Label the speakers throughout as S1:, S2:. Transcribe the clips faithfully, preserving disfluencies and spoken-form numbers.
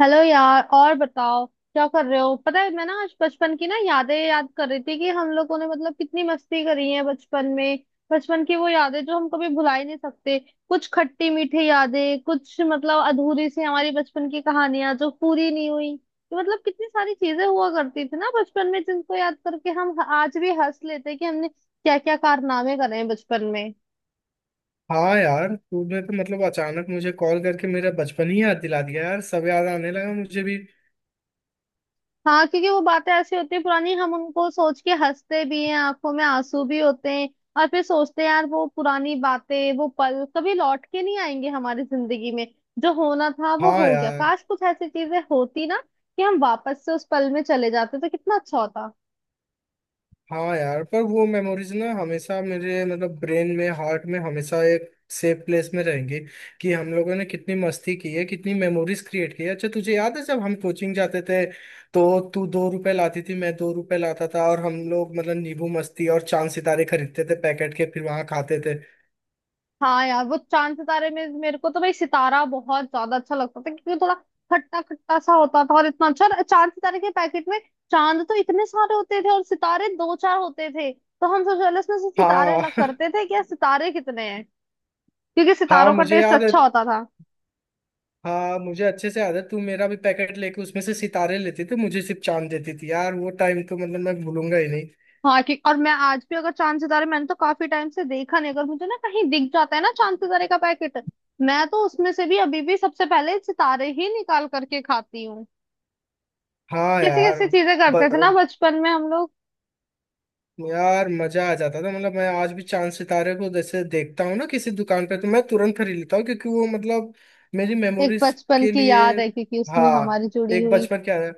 S1: Hello यार, और बताओ क्या कर रहे हो। पता है, मैं ना आज बचपन की ना यादें याद कर रही थी कि हम लोगों ने मतलब कितनी मस्ती करी है बचपन में। बचपन की वो यादें जो हम कभी भुला ही नहीं सकते। कुछ खट्टी मीठी यादें, कुछ मतलब अधूरी सी हमारी बचपन की कहानियां जो पूरी नहीं हुई। तो मतलब कितनी सारी चीजें हुआ करती थी ना बचपन में, जिनको याद करके हम आज भी हंस लेते कि हमने क्या क्या कारनामे करे हैं बचपन में।
S2: हाँ यार, तूने तो मतलब अचानक मुझे कॉल करके मेरा बचपन ही याद दिला दिया यार। सब याद आने लगा मुझे भी।
S1: हाँ, क्योंकि वो बातें ऐसी होती है पुरानी, हम उनको सोच के हंसते भी हैं, आंखों में आंसू भी होते हैं। और फिर सोचते हैं यार वो पुरानी बातें, वो पल कभी लौट के नहीं आएंगे हमारी जिंदगी में। जो होना था वो
S2: हाँ
S1: हो गया।
S2: यार।
S1: काश कुछ ऐसी चीजें होती ना कि हम वापस से उस पल में चले जाते तो कितना अच्छा होता।
S2: हाँ यार, पर वो मेमोरीज ना हमेशा मेरे मतलब ब्रेन में, हार्ट में हमेशा एक सेफ प्लेस में रहेंगी। कि हम लोगों ने कितनी मस्ती की है, कितनी मेमोरीज क्रिएट की है। अच्छा तुझे याद है जब हम कोचिंग जाते थे तो तू दो रुपए लाती थी, मैं दो रुपए लाता था, और हम लोग मतलब नींबू मस्ती और चांद सितारे खरीदते थे पैकेट के, फिर वहां खाते थे।
S1: हाँ यार, वो चांद सितारे में मेरे को तो भाई सितारा बहुत ज्यादा अच्छा लगता था, क्योंकि थोड़ा खट्टा खट्टा सा होता था और इतना अच्छा। और चांद सितारे के पैकेट में चांद तो इतने सारे होते थे और सितारे दो चार होते थे, तो हम सबसे पहले उसमें से सितारे
S2: हाँ
S1: अलग करते थे कि यार सितारे कितने हैं, क्योंकि
S2: हाँ
S1: सितारों का
S2: मुझे
S1: टेस्ट
S2: याद है।
S1: अच्छा होता था।
S2: हाँ मुझे अच्छे से याद है, तू मेरा भी पैकेट लेके उसमें से सितारे लेती थी, मुझे सिर्फ चांद देती थी यार। वो टाइम तो मतलब मैं भूलूंगा ही नहीं।
S1: हाँ कि और मैं आज भी अगर चांद सितारे, मैंने तो काफी टाइम से देखा नहीं, अगर मुझे ना कहीं दिख जाता है ना चांद सितारे का पैकेट, मैं तो उसमें से भी अभी भी सबसे पहले सितारे ही निकाल करके खाती हूँ।
S2: हाँ
S1: कैसी
S2: यार।
S1: कैसी चीजें करते थे ना
S2: ब,
S1: बचपन में हम लोग।
S2: यार मजा आ जाता था। मतलब मैं आज भी चांद सितारे को जैसे देखता हूँ ना किसी दुकान पे, तो मैं तुरंत खरीद लेता हूँ, क्योंकि वो मतलब मेरी
S1: एक
S2: मेमोरीज
S1: बचपन
S2: के
S1: की
S2: लिए।
S1: याद है क्योंकि उसमें
S2: हाँ।
S1: हमारी जुड़ी
S2: एक
S1: हुई।
S2: बचपन क्या है,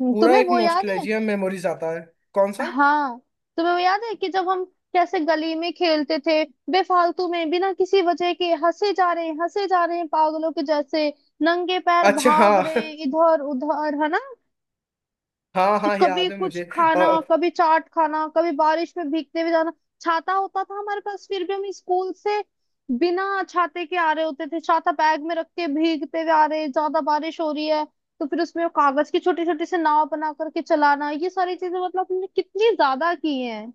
S1: हम्म,
S2: पूरा
S1: तुम्हें
S2: एक
S1: वो याद है।
S2: नॉस्टैल्जिया मेमोरीज आता है। कौन सा?
S1: हाँ, तुम्हें वो याद है कि जब हम कैसे गली में खेलते थे। बेफालतू में बिना किसी वजह के हंसे जा रहे हैं, हंसे जा रहे हैं पागलों के जैसे। नंगे पैर
S2: अच्छा
S1: भाग
S2: हाँ
S1: रहे हैं इधर उधर, है ना।
S2: हाँ हाँ
S1: कभी
S2: याद है
S1: कुछ
S2: मुझे।
S1: खाना, कभी चाट खाना, कभी बारिश में भीगते हुए जाना। छाता होता था हमारे पास, फिर भी हम स्कूल से बिना छाते के आ रहे होते थे, छाता बैग में रख के भीगते हुए आ रहे, ज्यादा बारिश हो रही है तो फिर उसमें वो कागज की छोटी छोटी सी नाव बना करके चलाना। ये सारी चीजें मतलब हमने कितनी ज्यादा की हैं।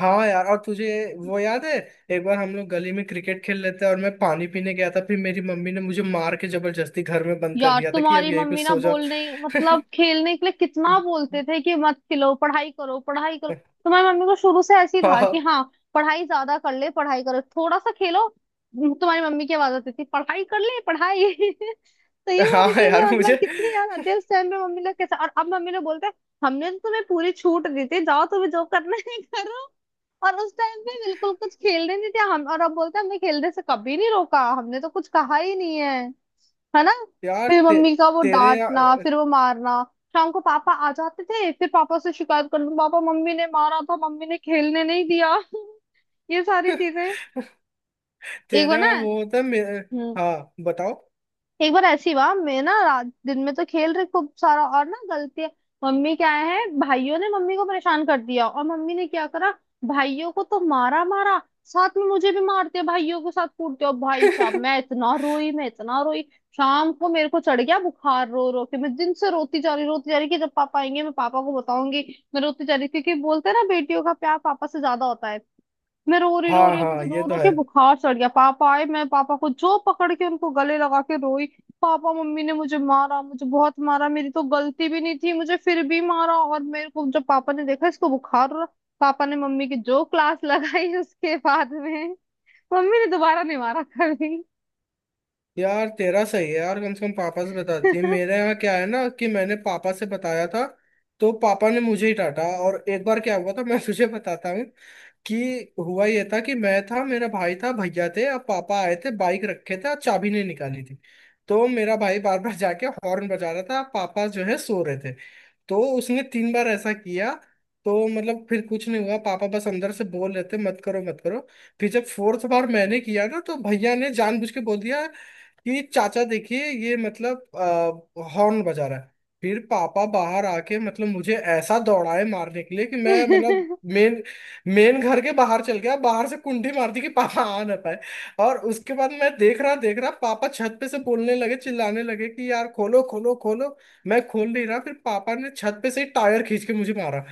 S2: हाँ यार, और तुझे वो याद है, एक बार हम लोग गली में क्रिकेट खेल लेते हैं और मैं पानी पीने गया था, फिर मेरी मम्मी ने मुझे मार के जबरदस्ती घर में बंद कर
S1: यार
S2: दिया था कि अब
S1: तुम्हारी
S2: यहीं पे
S1: मम्मी ना
S2: सो जाओ।
S1: बोलने मतलब खेलने के लिए कितना बोलते थे कि मत खिलो, पढ़ाई करो पढ़ाई करो। तुम्हारी मम्मी को शुरू से ऐसी था
S2: हाँ।
S1: कि हाँ, पढ़ाई ज्यादा कर ले, पढ़ाई करो, थोड़ा सा खेलो। तुम्हारी मम्मी की आवाज आती थी, पढ़ाई कर ले पढ़ाई तो ये सारी
S2: हाँ
S1: चीजें
S2: यार मुझे।
S1: मतलब कितनी याद आती है उस टाइम पे मम्मी लोग कैसे, और अब मम्मी लोग बोलते हैं हमने तो तुम्हें पूरी छूट दी थी, जाओ तुम्हें जो करना है करो। और उस टाइम पे बिल्कुल कुछ खेलने नहीं दिया, हम, और अब बोलते हैं हमने खेलने से कभी नहीं रोका, हमने तो कुछ कहा ही नहीं है, है ना।
S2: यार
S1: फिर
S2: ते,
S1: मम्मी का वो
S2: तेरे
S1: डांटना, फिर वो मारना। शाम को पापा आ जाते थे, फिर पापा से शिकायत करते, पापा मम्मी ने मारा था, मम्मी ने खेलने नहीं दिया ये सारी चीजें। एक बार
S2: तेरा वो होता है मे-
S1: ना
S2: हाँ बताओ।
S1: एक बार ऐसी हुआ, मैं ना रात दिन में तो खेल रही खूब सारा, और ना गलती है मम्मी, क्या है भाइयों ने मम्मी को परेशान कर दिया, और मम्मी ने क्या करा, भाइयों को तो मारा मारा, साथ में मुझे भी मारते हैं भाइयों के साथ कूटते। और भाई साहब, मैं इतना रोई, मैं इतना रोई, शाम को मेरे को चढ़ गया बुखार रो रो के। मैं दिन से रोती जा रही, रोती जा रही कि जब पापा आएंगे मैं पापा को बताऊंगी। मैं रोती जा रही क्योंकि बोलते हैं ना बेटियों का प्यार पापा से ज्यादा होता है। मैं रो रही रो
S2: हाँ
S1: रही, मुझे
S2: हाँ ये
S1: रो
S2: तो
S1: रो के
S2: है।
S1: बुखार चढ़ गया। पापा आए, मैं पापा को जो पकड़ के उनको गले लगा के रोई, पापा मम्मी ने मुझे मारा, मुझे बहुत मारा, मेरी तो गलती भी नहीं थी मुझे फिर भी मारा। और मेरे को जब पापा ने देखा इसको बुखार हो रहा, पापा ने मम्मी की जो क्लास लगाई उसके बाद में मम्मी ने दोबारा नहीं मारा कभी।
S2: यार तेरा सही है यार, कम से कम पापा से बताती है। मेरे यहाँ क्या है ना, कि मैंने पापा से बताया था तो पापा ने मुझे ही डांटा। और एक बार क्या हुआ था मैं तुझे बताता। कि हुआ ये था कि मैं था, मेरा भाई था, भैया थे, और पापा आए थे, बाइक रखे थे और चाबी नहीं निकाली थी। तो मेरा भाई बार बार जाके हॉर्न बजा रहा था, पापा जो है सो रहे थे। तो उसने तीन बार ऐसा किया, तो मतलब फिर कुछ नहीं हुआ, पापा बस अंदर से बोल रहे थे मत करो मत करो। फिर जब फोर्थ बार मैंने किया ना तो भैया ने जानबूझ के बोल दिया कि चाचा देखिए ये मतलब हॉर्न बजा रहा है। फिर पापा बाहर आके मतलब मुझे ऐसा दौड़ाए मारने के लिए कि मैं मतलब मेन मेन घर के बाहर चल गया, बाहर से कुंडी मार दी कि पापा आ ना पाए। और उसके बाद मैं देख रहा देख रहा, पापा छत पे से बोलने लगे, चिल्लाने लगे कि यार खोलो खोलो खोलो। मैं खोल नहीं रहा, फिर पापा ने छत पे से ही टायर खींच के मुझे मारा।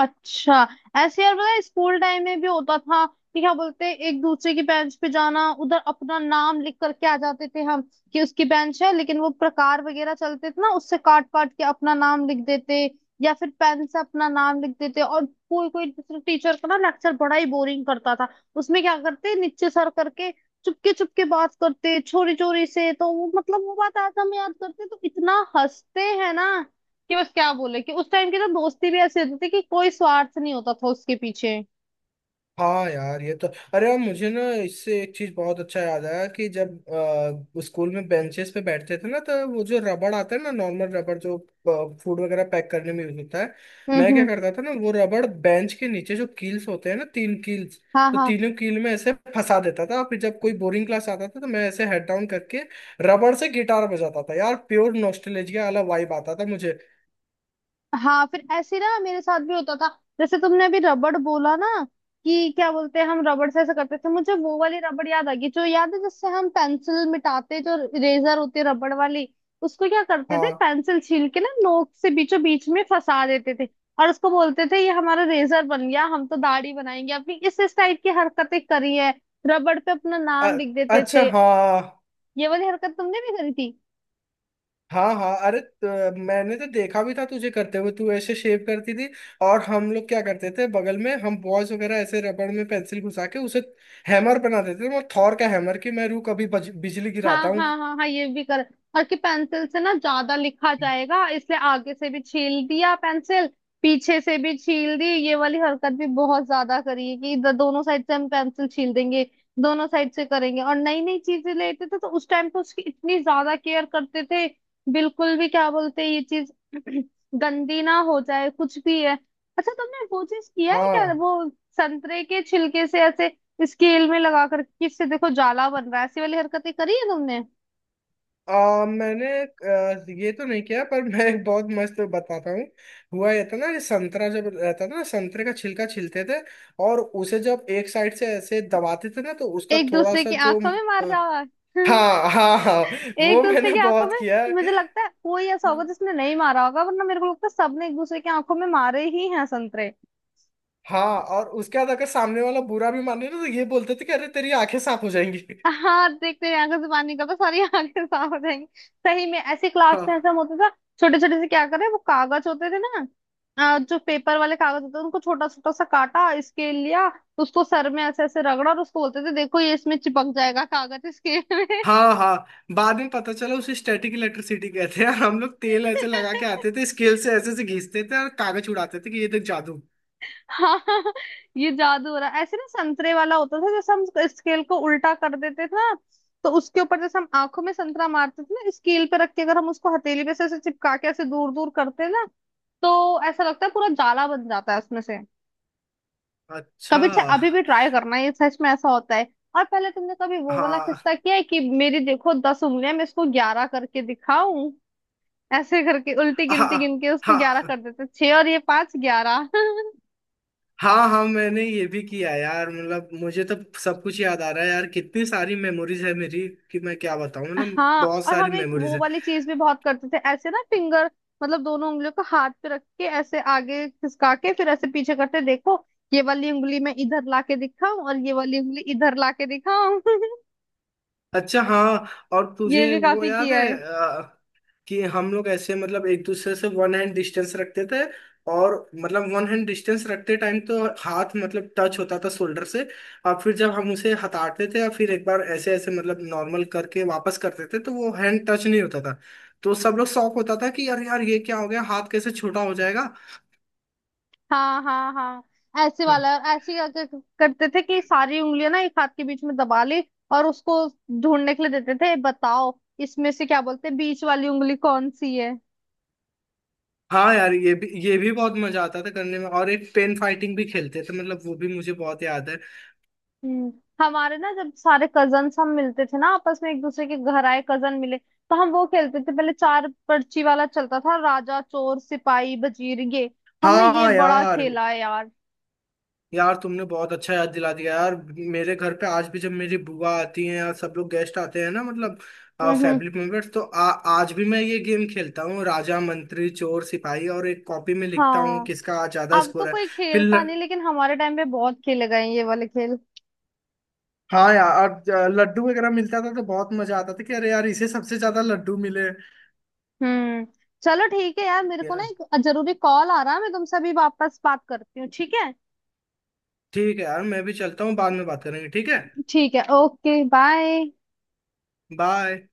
S1: अच्छा, ऐसे यार पता है स्कूल टाइम में भी होता था कि क्या बोलते हैं एक दूसरे की बेंच पे जाना, उधर अपना नाम लिख करके आ जाते थे हम कि उसकी बेंच है। लेकिन वो प्रकार वगैरह चलते थे ना, उससे काट पाट के अपना नाम लिख देते, या फिर पेन से अपना नाम लिख देते। और कोई कोई टीचर का ना लेक्चर बड़ा ही बोरिंग करता था, उसमें क्या करते नीचे सर करके चुपके चुपके बात करते चोरी चोरी से। तो वो मतलब वो बात आज हम याद करते तो इतना हंसते हैं ना, कि बस क्या बोले कि उस टाइम की तो दोस्ती भी ऐसी होती थी कि कोई स्वार्थ नहीं होता था उसके पीछे।
S2: हाँ यार ये तो। अरे यार मुझे ना इससे एक चीज बहुत अच्छा याद आया, कि जब अ, स्कूल में बेंचेस पे बैठते थे ना, तो वो जो रबड़ आता है ना, नॉर्मल रबड़ जो फूड वगैरह पैक करने में यूज होता है,
S1: हम्म
S2: मैं क्या
S1: हम्म।
S2: करता था ना, वो रबड़ बेंच के नीचे जो कील्स होते हैं ना, तीन कील्स,
S1: हाँ
S2: तो
S1: हाँ
S2: तीनों कील में ऐसे फंसा देता था। फिर जब कोई बोरिंग क्लास आता था तो मैं ऐसे हेड डाउन करके रबड़ से गिटार बजाता था यार। प्योर नॉस्टैल्जिया वाला वाइब आता था मुझे।
S1: हाँ। फिर ऐसे ही ना मेरे साथ भी होता था। जैसे तुमने अभी रबड़ बोला ना, कि क्या बोलते हैं हम रबड़ से ऐसा करते थे, मुझे वो वाली रबड़ याद आ गई, जो याद है जिससे हम पेंसिल मिटाते, जो इरेजर होती है रबड़ वाली। उसको क्या करते थे
S2: हाँ।
S1: पेंसिल छील के ना नोक से बीचों बीच में फंसा देते थे, और उसको बोलते थे ये हमारा रेजर बन गया, हम तो दाढ़ी बनाएंगे अपनी। इस इस टाइप की हरकतें करी है। रबड़ पे अपना नाम
S2: अ-
S1: लिख देते
S2: अच्छा
S1: थे।
S2: हाँ।
S1: ये वाली हरकत तुमने भी करी थी।
S2: हाँ हाँ अरे त- मैंने तो देखा भी था तुझे करते हुए, तू ऐसे शेव करती थी। और हम लोग क्या करते थे, बगल में हम बॉयज वगैरह ऐसे रबड़ में पेंसिल घुसा के उसे हैमर बना देते थे, मतलब थॉर का हैमर, कि मैं रू कभी बज- बिजली गिराता
S1: हाँ
S2: हूँ।
S1: हाँ हाँ हाँ, ये भी कर। और कि पेंसिल से ना ज्यादा लिखा जाएगा इसलिए आगे से भी छील दिया पेंसिल, पीछे से भी छील दी। ये वाली हरकत भी बहुत ज्यादा करी है कि इधर दोनों साइड से हम पेंसिल छील देंगे, दोनों साइड से करेंगे। और नई नई चीजें लेते थे तो उस टाइम पे उसकी इतनी ज्यादा केयर करते थे, बिल्कुल भी क्या बोलते हैं, ये चीज गंदी ना हो जाए कुछ भी है। अच्छा तुमने वो चीज किया है क्या,
S2: हाँ।
S1: वो संतरे के छिलके से ऐसे स्केल में लगा कर किससे देखो जाला बन रहा है, ऐसी वाली हरकतें करी है तुमने।
S2: आ, मैंने आ, ये तो नहीं किया पर मैं एक बहुत मस्त बताता हूँ। हुआ ये था ना, ये संतरा जब रहता था ना, संतरे का छिलका छिलते थे और उसे जब एक साइड से ऐसे दबाते थे ना, तो उसका
S1: एक
S2: थोड़ा
S1: दूसरे
S2: सा
S1: की
S2: जो।
S1: आंखों में मार
S2: आ,
S1: रहा है
S2: हाँ हाँ हाँ
S1: एक
S2: वो
S1: दूसरे
S2: मैंने
S1: की आंखों
S2: बहुत
S1: में
S2: किया है।
S1: मुझे लगता है कोई ऐसा होगा जिसने नहीं मारा होगा, वरना मेरे को लगता है सबने एक दूसरे की आंखों में मारे ही हैं संतरे।
S2: हाँ, और उसके बाद अगर सामने वाला बुरा भी माने ना तो ये बोलते थे कि अरे तेरी आंखें साफ हो जाएंगी।
S1: हाँ, देखते हैं आंखों से पानी निकलता, सारी आंखें साफ हो जाएंगी। सही में ऐसी क्लास में
S2: हाँ।
S1: ऐसा होता था। छोटे छोटे से क्या करे वो कागज होते थे ना, अ, जो पेपर वाले कागज होते थे उनको छोटा छोटा सा काटा, स्केल लिया, उसको सर में ऐसे ऐसे रगड़ा और उसको बोलते थे देखो ये इसमें चिपक जाएगा, कागज स्केल में।
S2: हाँ हाँ बाद में पता चला उसे स्टैटिक इलेक्ट्रिसिटी कहते हैं। और हम लोग तेल ऐसे लगा के आते थे, स्केल से ऐसे से घींचते थे और कागज उड़ाते थे कि ये देख जादू।
S1: हाँ, ये जादू हो रहा है। ऐसे ना संतरे वाला होता था, जैसे हम स्केल को उल्टा कर देते थे ना, तो उसके ऊपर जैसे हम आंखों में संतरा मारते थे ना, स्केल पे रख के अगर हम उसको हथेली पे से ऐसे चिपका के ऐसे दूर दूर करते ना, तो ऐसा लगता है पूरा जाला बन जाता है उसमें से।
S2: अच्छा
S1: कभी चाहे अभी भी ट्राई करना, ये सच में ऐसा होता है। और पहले तुमने कभी वो वाला
S2: हाँ।
S1: किस्सा किया है कि मेरी देखो दस उंगलियां मैं इसको ग्यारह करके दिखाऊं, ऐसे करके उल्टी गिनती
S2: हाँ
S1: गिन के उसको ग्यारह
S2: हाँ
S1: कर देते छह और ये पांच ग्यारह
S2: हाँ हाँ मैंने ये भी किया यार। मतलब मुझे तो सब कुछ याद आ रहा है यार, कितनी सारी मेमोरीज है मेरी कि मैं क्या बताऊं, मतलब
S1: हाँ,
S2: बहुत
S1: और
S2: सारी
S1: हम एक
S2: मेमोरीज
S1: वो
S2: है।
S1: वाली चीज भी बहुत करते थे ऐसे ना, फिंगर मतलब दोनों उंगलियों को हाथ पे रख के ऐसे आगे खिसका के फिर ऐसे पीछे करते, देखो ये वाली उंगली मैं इधर ला के दिखाऊं और ये वाली उंगली इधर ला के दिखाऊं
S2: अच्छा हाँ, और
S1: ये
S2: तुझे
S1: भी
S2: वो
S1: काफी
S2: याद
S1: किया
S2: है
S1: है।
S2: कि हम लोग ऐसे मतलब एक दूसरे से वन हैंड डिस्टेंस रखते थे, और मतलब वन हैंड डिस्टेंस रखते टाइम तो हाथ मतलब टच होता था शोल्डर से। और फिर जब हम उसे हटाते थे या फिर एक बार ऐसे ऐसे मतलब नॉर्मल करके वापस करते थे, तो वो हैंड टच नहीं होता था। तो सब लोग शॉक होता था कि यार यार ये क्या हो गया, हाथ कैसे छोटा हो जाएगा।
S1: हाँ हाँ हाँ। ऐसे वाला ऐसे ही आके करते थे कि सारी उंगलियां ना एक हाथ के बीच में दबा ली, और उसको ढूंढने के लिए देते थे, बताओ इसमें से क्या बोलते हैं बीच वाली उंगली कौन सी है।
S2: हाँ यार, ये भी ये भी बहुत मजा आता था करने में। और एक पेन फाइटिंग भी खेलते थे, मतलब वो भी मुझे बहुत याद है।
S1: हम्म। हमारे ना जब सारे कजन हम मिलते थे ना आपस में एक दूसरे के घर आए कजन मिले, तो हम वो खेलते थे, पहले चार पर्ची वाला चलता था, राजा चोर सिपाही वजीर, ये हमने ये
S2: हाँ
S1: बड़ा
S2: यार।
S1: खेला है यार।
S2: यार तुमने बहुत अच्छा याद दिला दिया यार। मेरे घर पे आज भी जब मेरी बुआ आती हैं या सब लोग गेस्ट आते हैं ना, मतलब
S1: हम्म हम्म।
S2: फैमिली मेंबर्स, तो आ, आज भी मैं ये गेम खेलता हूँ, राजा मंत्री चोर सिपाही, और एक कॉपी में लिखता हूँ
S1: हाँ,
S2: किसका आज ज्यादा
S1: अब तो
S2: स्कोर है।
S1: कोई
S2: फिर
S1: खेलता
S2: ल...
S1: नहीं, लेकिन हमारे टाइम पे बहुत खेले गए हैं ये वाले खेल।
S2: हाँ यार, और, अ, लड्डू वगैरह मिलता था तो बहुत मजा आता था कि अरे यार इसे सबसे ज्यादा लड्डू मिले।
S1: हम्म। चलो ठीक है यार, मेरे को ना
S2: यार,
S1: एक जरूरी कॉल आ रहा है, मैं तुमसे अभी वापस बात करती हूँ, ठीक है।
S2: ठीक है यार, मैं भी चलता हूँ, बाद में बात करेंगे, ठीक है।
S1: ठीक है, ओके बाय।
S2: बाय।